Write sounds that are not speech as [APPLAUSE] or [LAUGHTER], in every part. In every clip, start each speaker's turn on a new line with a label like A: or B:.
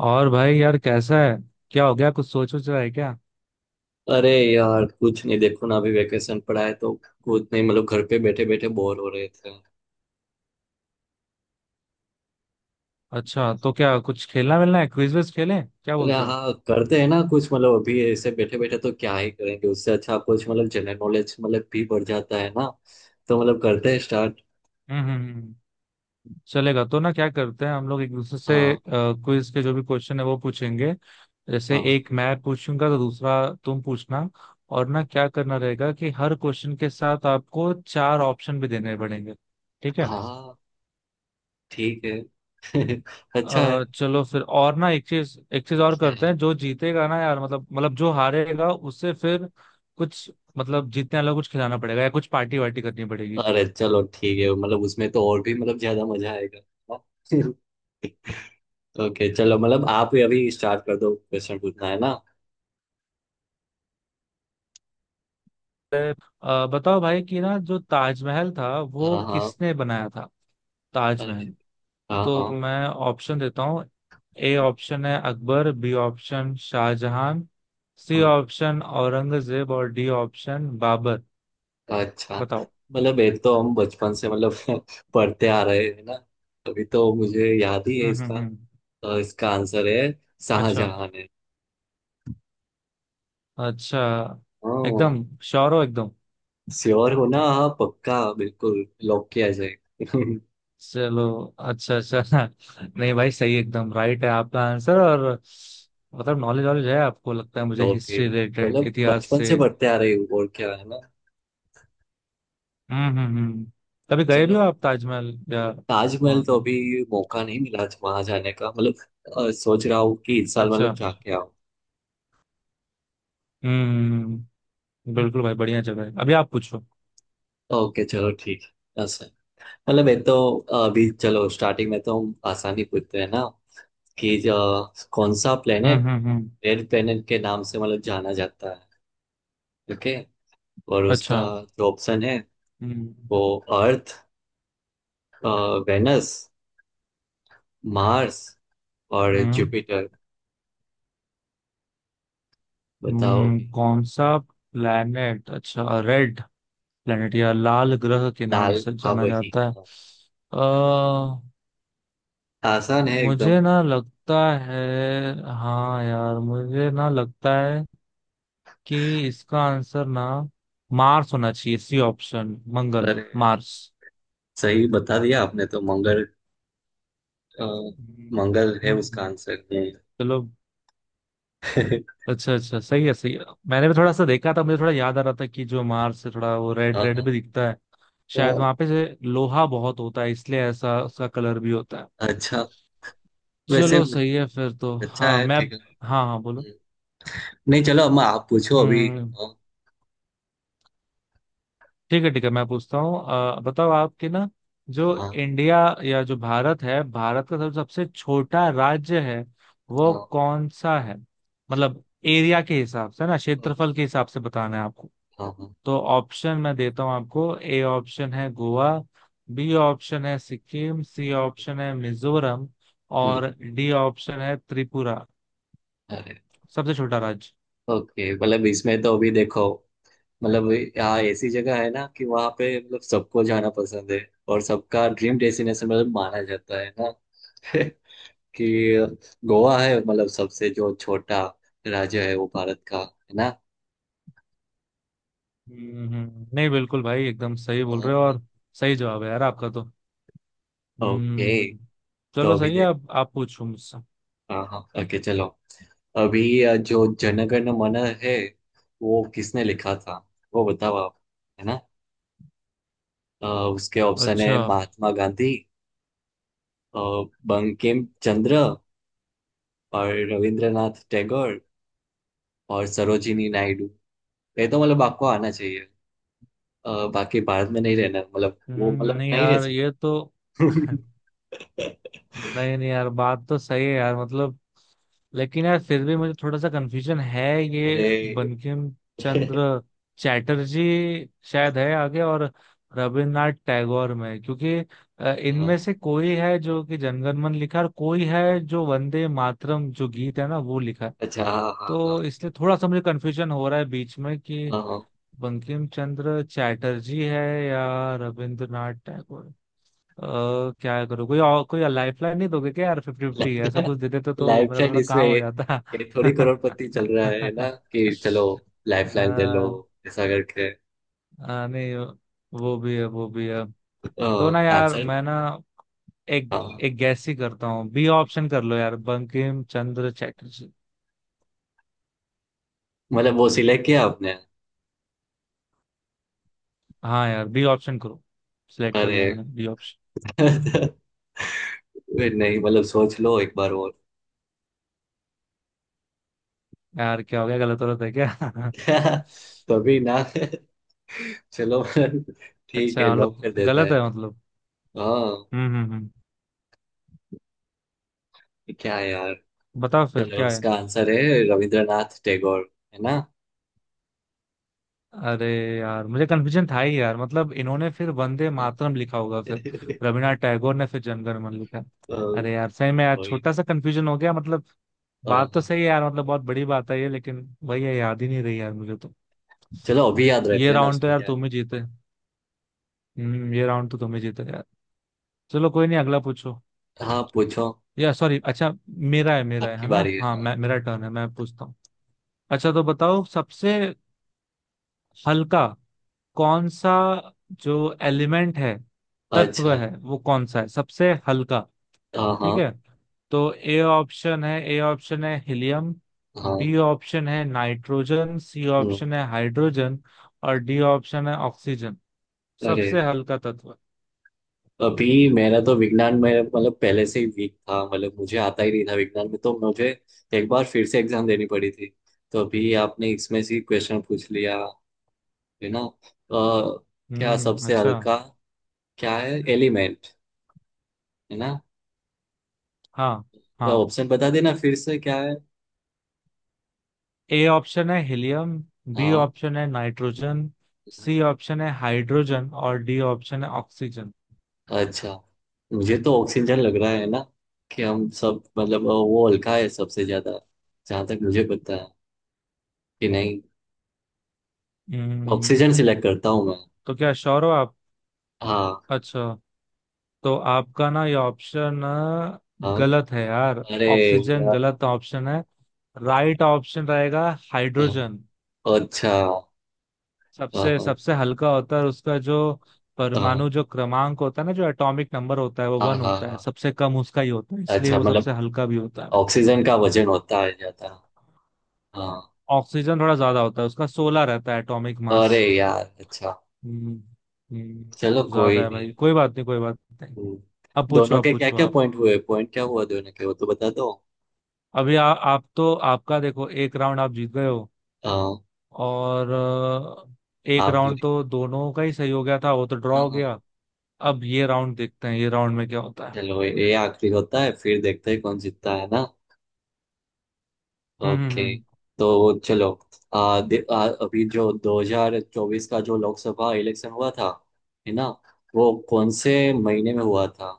A: और भाई यार कैसा है? क्या हो गया, कुछ सोच सोच रहा है क्या?
B: अरे यार कुछ नहीं देखो ना अभी वेकेशन पड़ा है तो कुछ नहीं मतलब घर पे बैठे बैठे बोर हो रहे थे।
A: अच्छा, तो क्या कुछ खेलना मिलना है, क्विज विज खेलें, क्या
B: अरे
A: बोलते हो?
B: हाँ करते हैं ना कुछ मतलब अभी ऐसे बैठे बैठे तो क्या ही करेंगे। उससे अच्छा कुछ मतलब जनरल नॉलेज मतलब भी बढ़ जाता है ना, तो मतलब करते हैं स्टार्ट।
A: हम्म। चलेगा तो ना, क्या करते हैं हम लोग एक दूसरे से,
B: हाँ
A: क्विज के जो भी क्वेश्चन है वो पूछेंगे। जैसे
B: हाँ
A: एक मैं पूछूंगा तो दूसरा तुम पूछना। और ना क्या करना रहेगा कि हर क्वेश्चन के साथ आपको चार ऑप्शन भी देने पड़ेंगे। ठीक है?
B: हाँ, ठीक है। [LAUGHS] अच्छा है।
A: चलो फिर। और ना एक चीज और
B: क्या?
A: करते हैं, जो जीतेगा ना यार, मतलब जो हारेगा उससे फिर कुछ, मतलब जीतने वाला को कुछ खिलाना पड़ेगा या कुछ पार्टी वार्टी करनी पड़ेगी।
B: अरे चलो ठीक है, मतलब उसमें तो और भी मतलब ज्यादा मजा आएगा। [LAUGHS] ओके चलो, मतलब आप ही अभी स्टार्ट कर दो, क्वेश्चन पूछना है ना।
A: बताओ भाई कि ना, जो ताजमहल था वो
B: हाँ हाँ।
A: किसने बनाया था?
B: अरे,
A: ताजमहल।
B: हाँ
A: तो
B: हाँ।
A: मैं ऑप्शन देता हूँ। ए ऑप्शन है Akbar, B option Shahjahan, C
B: हम्म,
A: ऑप्शन औरंगजेब और डी ऑप्शन बाबर।
B: अच्छा।
A: बताओ।
B: मतलब ये तो हम बचपन से मतलब [LAUGHS] पढ़ते आ रहे हैं ना। अभी तो मुझे याद ही है इसका।
A: हम्म।
B: तो इसका आंसर है
A: अच्छा।
B: शाहजहां है।
A: अच्छा।
B: हाँ।
A: एकदम श्योर हो एकदम?
B: श्योर हो ना, हाँ पक्का बिल्कुल लॉक किया जाए। [LAUGHS]
A: चलो, अच्छा अच्छा। [LAUGHS] नहीं भाई, सही, एकदम राइट है आपका आंसर। और मतलब नॉलेज वॉलेज है आपको, लगता है मुझे,
B: तो फिर
A: हिस्ट्री रिलेटेड,
B: मतलब
A: इतिहास
B: बचपन से
A: से।
B: पढ़ते आ रहे हो और क्या है ना।
A: हम्म। कभी गए भी
B: चलो
A: हो आप ताजमहल या
B: ताजमहल
A: वहां
B: तो
A: पे?
B: अभी मौका नहीं मिला वहां जाने का मतलब। सोच रहा हूँ कि इस साल
A: अच्छा।
B: मतलब
A: हम्म।
B: जाके आओ।
A: हम्म, हम्म। बिल्कुल भाई, बढ़िया जगह है। अभी आप पूछो।
B: ओके चलो ठीक है ऐसा। मतलब ये तो अभी चलो स्टार्टिंग में तो हम आसानी पूछते हैं ना, कि जो कौन सा प्लेनेट
A: हम्म।
B: रेड प्लेनेट के नाम से मतलब जाना जाता है। ओके, और उसका
A: अच्छा।
B: जो ऑप्शन है
A: हम्म।
B: वो अर्थ, वेनस, मार्स और
A: हम्म
B: जुपिटर। बताओ अभी।
A: कौन सा प्लैनेट, अच्छा, रेड प्लैनेट या लाल ग्रह के नाम
B: लाल
A: से
B: हाँ
A: जाना
B: वही।
A: जाता है। अ
B: आसान है एकदम।
A: मुझे ना लगता है, हाँ यार मुझे ना लगता है कि इसका आंसर ना मार्स होना चाहिए, सी ऑप्शन, मंगल,
B: पर
A: मार्स।
B: सही बता दिया आपने तो मंगल। अ, मंगल है उसका
A: हम्म।
B: आंसर।
A: चलो,
B: [LAUGHS]
A: अच्छा अच्छा, सही है सही है। मैंने भी थोड़ा सा देखा था, मुझे थोड़ा याद आ रहा था कि जो मार्स से थोड़ा वो रेड
B: हाँ
A: रेड
B: हाँ
A: भी दिखता है। शायद
B: हाँ।
A: वहां पे से लोहा बहुत होता है, इसलिए ऐसा उसका कलर भी होता है।
B: अच्छा। वैसे
A: चलो सही है फिर तो।
B: अच्छा
A: हाँ
B: है,
A: मैं,
B: ठीक है।
A: हाँ हाँ, बोलो।
B: हम्म। नहीं चलो अम्मा आप पूछो अभी।
A: हम्म।
B: हाँ
A: ठीक है ठीक है, मैं पूछता हूँ। बताओ, आपके ना जो
B: हाँ
A: इंडिया या जो भारत है, भारत का सब सबसे छोटा राज्य है वो
B: हाँ।
A: कौन सा है? मतलब एरिया के हिसाब से ना, क्षेत्रफल
B: ओके,
A: के हिसाब से बताना है आपको।
B: हाँ हाँ।
A: तो ऑप्शन मैं देता हूँ आपको। ए ऑप्शन है गोवा, बी ऑप्शन है सिक्किम, सी ऑप्शन है मिजोरम
B: हम्म,
A: और डी ऑप्शन है त्रिपुरा।
B: अरे।
A: सबसे छोटा राज्य।
B: ओके मतलब इसमें तो अभी देखो, मतलब यहाँ ऐसी जगह है ना कि वहाँ पे मतलब सबको जाना पसंद है, और सबका ड्रीम डेस्टिनेशन मतलब माना जाता है ना। [LAUGHS] कि गोवा है मतलब सबसे जो छोटा राज्य है वो भारत का है ना।
A: नहीं बिल्कुल भाई, एकदम सही बोल
B: हाँ,
A: रहे हो।
B: हाँ,
A: और सही जवाब है यार आपका तो।
B: ओके।
A: हम्म।
B: तो
A: चलो
B: अभी
A: सही है।
B: देख।
A: आप पूछो मुझसे।
B: हाँ हाँ ओके चलो। अभी जो जनगण मन है वो किसने लिखा था वो बताओ आप, है ना। अ, उसके ऑप्शन है
A: अच्छा।
B: महात्मा गांधी, अ, बंकिम चंद्र और रविंद्रनाथ टैगोर और सरोजिनी नायडू। ये तो मतलब आपको आना चाहिए। बाकी भारत में नहीं रहना मतलब वो
A: हम्म,
B: मतलब
A: नहीं
B: नहीं रह
A: यार ये तो।
B: सकते।
A: [LAUGHS] नहीं
B: [LAUGHS]
A: नहीं यार, बात तो सही है यार मतलब, लेकिन यार फिर भी मुझे थोड़ा सा कंफ्यूजन है ये।
B: अरे
A: बंकिम चंद्र
B: [LAUGHS]
A: चैटर्जी शायद है, आगे और रविन्द्रनाथ टैगोर में, क्योंकि
B: हाँ।
A: इनमें से कोई है जो कि जनगणमन लिखा है और कोई है जो वंदे मातरम, जो गीत है ना, वो लिखा है।
B: अच्छा हाँ हाँ
A: तो
B: हाँ।
A: इसलिए थोड़ा सा मुझे कंफ्यूजन हो रहा है बीच में कि
B: हाँ।
A: बंकिम चंद्र चैटर्जी है या रविंद्रनाथ टैगोर। क्या करूँ, कोई और, कोई लाइफ लाइन नहीं दोगे क्या यार? फिफ्टी फिफ्टी ऐसा
B: लड़का
A: कुछ दे देते तो मेरा
B: लाइफलाइन
A: थोड़ा
B: इसमें
A: काम
B: ये
A: हो जाता।
B: ये थोड़ी करोड़पति चल रहा है ना कि चलो लाइफलाइन दे लो,
A: [LAUGHS] अ,
B: ऐसा करके।
A: नहीं, वो भी है वो भी है।
B: तो
A: तो ना यार
B: आंसर?
A: मैं ना एक
B: हाँ।
A: एक गैस ही करता हूँ। बी ऑप्शन कर लो यार, बंकिम चंद्र चैटर्जी।
B: मतलब वो सिलेक्ट किया आपने?
A: हाँ यार बी ऑप्शन करो, सिलेक्ट कर
B: अरे
A: लिया मैंने बी ऑप्शन।
B: [LAUGHS] वे नहीं मतलब सोच लो एक बार और।
A: यार क्या हो गया, गलत हो रहा था क्या?
B: [LAUGHS]
A: [LAUGHS]
B: तभी ना। चलो ठीक है
A: अच्छा, मतलब
B: लॉक कर देता
A: गलत
B: है।
A: है मतलब।
B: हाँ
A: हम्म।
B: क्या यार।
A: बताओ फिर
B: चलो
A: क्या है।
B: उसका आंसर है रविंद्रनाथ टैगोर है ना।
A: अरे यार मुझे कन्फ्यूजन था ही यार मतलब, इन्होंने फिर वंदे
B: [LAUGHS] हाँ,
A: मातरम लिखा होगा फिर, रविन्द्रनाथ टैगोर ने फिर जनगण मन लिखा। अरे यार सही में यार,
B: वही।
A: छोटा सा कन्फ्यूजन हो गया मतलब।
B: हाँ,
A: बात तो
B: हाँ।
A: सही है यार मतलब, बहुत बड़ी बात है ये, लेकिन वही है, याद ही नहीं रही यार मुझे तो।
B: चलो अभी याद रख
A: ये
B: लेना
A: राउंड तो
B: उसमें
A: यार
B: क्या है।
A: तुम ही जीते। हम्म, ये राउंड तो तुम ही जीते यार। चलो कोई नहीं, अगला पूछो।
B: हाँ पूछो।
A: या सॉरी अच्छा, मेरा है मेरा है
B: आपकी
A: है ना,
B: बारी है
A: हाँ
B: हाँ।
A: मैं, मेरा टर्न है, मैं पूछता हूँ। अच्छा तो बताओ, सबसे हल्का कौन सा जो एलिमेंट है, तत्व
B: अच्छा
A: है, वो कौन सा है सबसे हल्का?
B: हाँ हाँ
A: ठीक है। तो ए ऑप्शन है, ए ऑप्शन है हीलियम,
B: हाँ।
A: बी ऑप्शन है नाइट्रोजन, सी
B: हम्म।
A: ऑप्शन है हाइड्रोजन और डी ऑप्शन है ऑक्सीजन।
B: अरे,
A: सबसे हल्का तत्व।
B: अभी मेरा तो विज्ञान में मतलब पहले से ही वीक था, मतलब मुझे आता ही नहीं था विज्ञान में। तो मुझे एक बार फिर से एग्जाम देनी पड़ी थी। तो अभी आपने इसमें से क्वेश्चन पूछ लिया है ना। अ, क्या
A: हम्म।
B: सबसे
A: अच्छा।
B: हल्का क्या है एलिमेंट, है ना?
A: हाँ हाँ।
B: ऑप्शन बता देना फिर से क्या है।
A: ए ऑप्शन है हीलियम, बी
B: हाँ।
A: ऑप्शन है नाइट्रोजन, सी ऑप्शन है हाइड्रोजन और डी ऑप्शन है ऑक्सीजन।
B: अच्छा, मुझे तो ऑक्सीजन लग रहा है ना, कि हम सब मतलब वो हल्का है सबसे ज्यादा, जहां तक मुझे पता है। कि नहीं?
A: हम्म।
B: ऑक्सीजन सिलेक्ट करता हूँ मैं।
A: तो क्या श्योर हो आप?
B: हाँ।
A: अच्छा। तो आपका ना ये ऑप्शन
B: हाँ।
A: गलत है यार।
B: अरे
A: ऑक्सीजन
B: यार।
A: गलत ऑप्शन है। राइट ऑप्शन रहेगा
B: हाँ,
A: हाइड्रोजन।
B: अच्छा। हाँ
A: सबसे
B: हाँ
A: सबसे हल्का होता है, और उसका जो
B: हाँ
A: परमाणु जो क्रमांक होता है ना, जो एटॉमिक नंबर होता है, वो
B: हाँ
A: वन
B: हाँ
A: होता है,
B: हाँ।
A: सबसे कम उसका ही होता है, इसलिए
B: अच्छा
A: वो
B: मतलब
A: सबसे हल्का भी होता है।
B: ऑक्सीजन का वजन होता है ज्यादा। हाँ।
A: ऑक्सीजन थोड़ा ज्यादा होता है, उसका सोलह रहता है एटॉमिक मास।
B: अरे यार अच्छा।
A: हम्म,
B: चलो
A: ज्यादा
B: कोई
A: है
B: नहीं।
A: भाई, कोई बात नहीं कोई बात नहीं।
B: हम्म,
A: अब पूछो
B: दोनों
A: अब
B: के क्या
A: पूछो
B: क्या
A: आप।
B: पॉइंट हुए, पॉइंट क्या हुआ दोनों के वो तो बता दो।
A: अभी आप तो, आपका देखो एक राउंड आप जीत गए हो,
B: हाँ।
A: और एक
B: आप भी,
A: राउंड तो दोनों का ही सही हो गया था, वो तो ड्रॉ
B: हाँ
A: हो
B: हाँ।
A: गया। अब ये राउंड देखते हैं, ये राउंड में क्या होता है।
B: चलो ये आखिरी होता है फिर देखते हैं कौन जीतता है ना।
A: हम्म हम्म
B: ओके
A: हम्म।
B: तो चलो, अभी जो 2024 का जो लोकसभा इलेक्शन हुआ था है ना, वो कौन से महीने में हुआ था।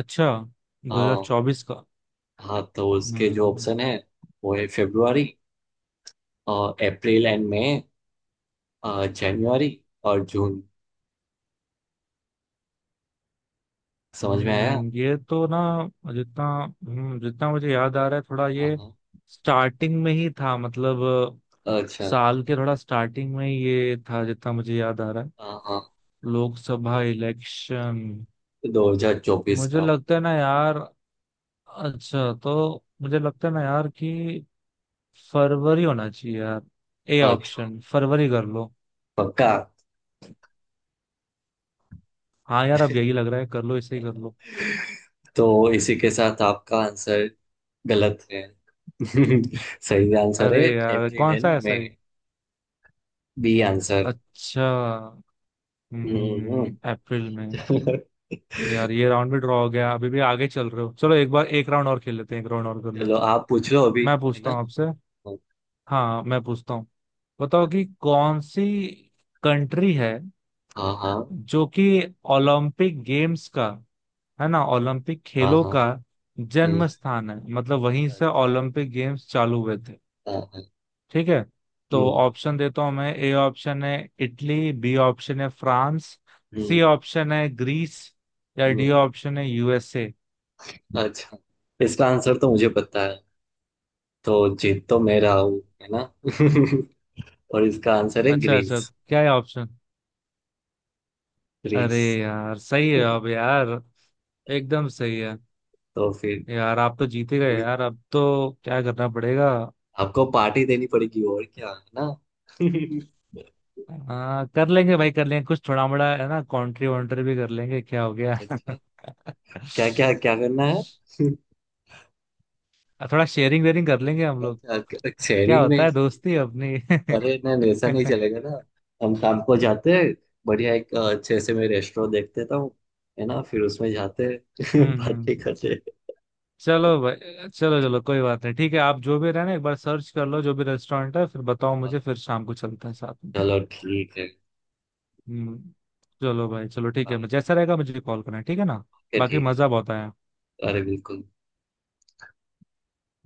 A: अच्छा,
B: हाँ
A: 2024 का।
B: हाँ। तो उसके जो
A: हम्म
B: ऑप्शन है वो है फेब्रुआरी और अप्रैल एंड मई, जनवरी और जून। समझ में आया।
A: ये तो ना, जितना, जितना मुझे याद आ रहा है, थोड़ा
B: हाँ
A: ये
B: हाँ
A: स्टार्टिंग में ही था मतलब। अ,
B: अच्छा
A: साल के थोड़ा स्टार्टिंग में ही ये था जितना मुझे याद आ रहा है।
B: हाँ हाँ
A: लोकसभा इलेक्शन।
B: 2024
A: मुझे
B: का।
A: लगता है ना यार, अच्छा तो मुझे लगता है ना यार कि फरवरी होना चाहिए यार, ए
B: अच्छा
A: ऑप्शन, फरवरी कर लो।
B: पक्का?
A: हाँ यार, अब यही लग रहा है, कर लो इसे ही कर लो।
B: तो इसी के साथ आपका आंसर गलत है। [LAUGHS] सही आंसर
A: अरे
B: है
A: यार,
B: अप्रैल
A: कौन सा,
B: एंड
A: ऐसा
B: मई,
A: ही?
B: B answer.
A: अच्छा।
B: हम्म हम्म।
A: हम्म, अप्रैल में। यार
B: [LAUGHS]
A: ये राउंड भी ड्रॉ हो गया, अभी भी आगे चल रहे हो। चलो एक बार एक राउंड और खेल लेते हैं, एक राउंड और कर
B: चलो
A: लेते हैं।
B: आप पूछ लो अभी,
A: मैं
B: है
A: पूछता
B: ना।
A: हूँ आपसे। हाँ मैं पूछता हूँ। बताओ कि कौन सी कंट्री है
B: हाँ हाँ
A: जो कि ओलंपिक गेम्स का, है ना, ओलंपिक
B: हाँ
A: खेलों
B: हाँ।
A: का
B: हम्म,
A: जन्म स्थान है, मतलब वहीं
B: अच्छा।
A: से ओलंपिक गेम्स चालू हुए थे। ठीक है। तो
B: हम्म
A: ऑप्शन देता हूं मैं। ए ऑप्शन है इटली, बी ऑप्शन है फ्रांस, सी
B: हम्म।
A: ऑप्शन है ग्रीस या
B: हम्म,
A: डी ऑप्शन है यूएसए।
B: अच्छा इसका आंसर तो मुझे पता है, तो जीत तो मैं रहा हूँ है ना। [LAUGHS] और इसका आंसर है
A: अच्छा अच्छा,
B: ग्रीस।
A: क्या है ऑप्शन?
B: ग्रीस।
A: अरे यार सही है
B: [LAUGHS]
A: अब यार, एकदम सही है।
B: तो फिर
A: यार आप तो जीते गए
B: अभी
A: यार, अब तो क्या करना पड़ेगा?
B: आपको पार्टी देनी पड़ेगी और क्या है ना। [LAUGHS]
A: हाँ कर लेंगे भाई कर लेंगे, कुछ थोड़ा मोड़ा है ना, कॉन्ट्री वॉन्ट्री भी कर लेंगे, क्या हो गया? [LAUGHS]
B: अच्छा क्या क्या क्या करना है। [LAUGHS]
A: थोड़ा शेयरिंग वेयरिंग कर लेंगे हम लोग,
B: अच्छा
A: क्या
B: शेयरिंग में
A: होता है,
B: इस-
A: दोस्ती है अपनी।
B: अरे
A: [LAUGHS]
B: नहीं ऐसा नहीं चलेगा ना। हम शाम को जाते हैं, बढ़िया एक अच्छे से मैं रेस्टोरेंट देख देता हूँ है ना, फिर उसमें जाते हैं। [LAUGHS]
A: हम्म हम्म।
B: पार्टी करते हैं।
A: चलो भाई, चलो चलो कोई बात नहीं, ठीक है आप जो भी रहना, एक बार सर्च कर लो जो भी रेस्टोरेंट है, फिर बताओ मुझे, फिर शाम को चलते हैं साथ में।
B: चलो ठीक है।
A: हम्म। चलो भाई, चलो ठीक
B: बाय।
A: है, जैसा रहेगा मुझे कॉल करना, ठीक है ना?
B: ओके ठीक
A: बाकी
B: है।
A: मजा बहुत आया।
B: अरे बिल्कुल।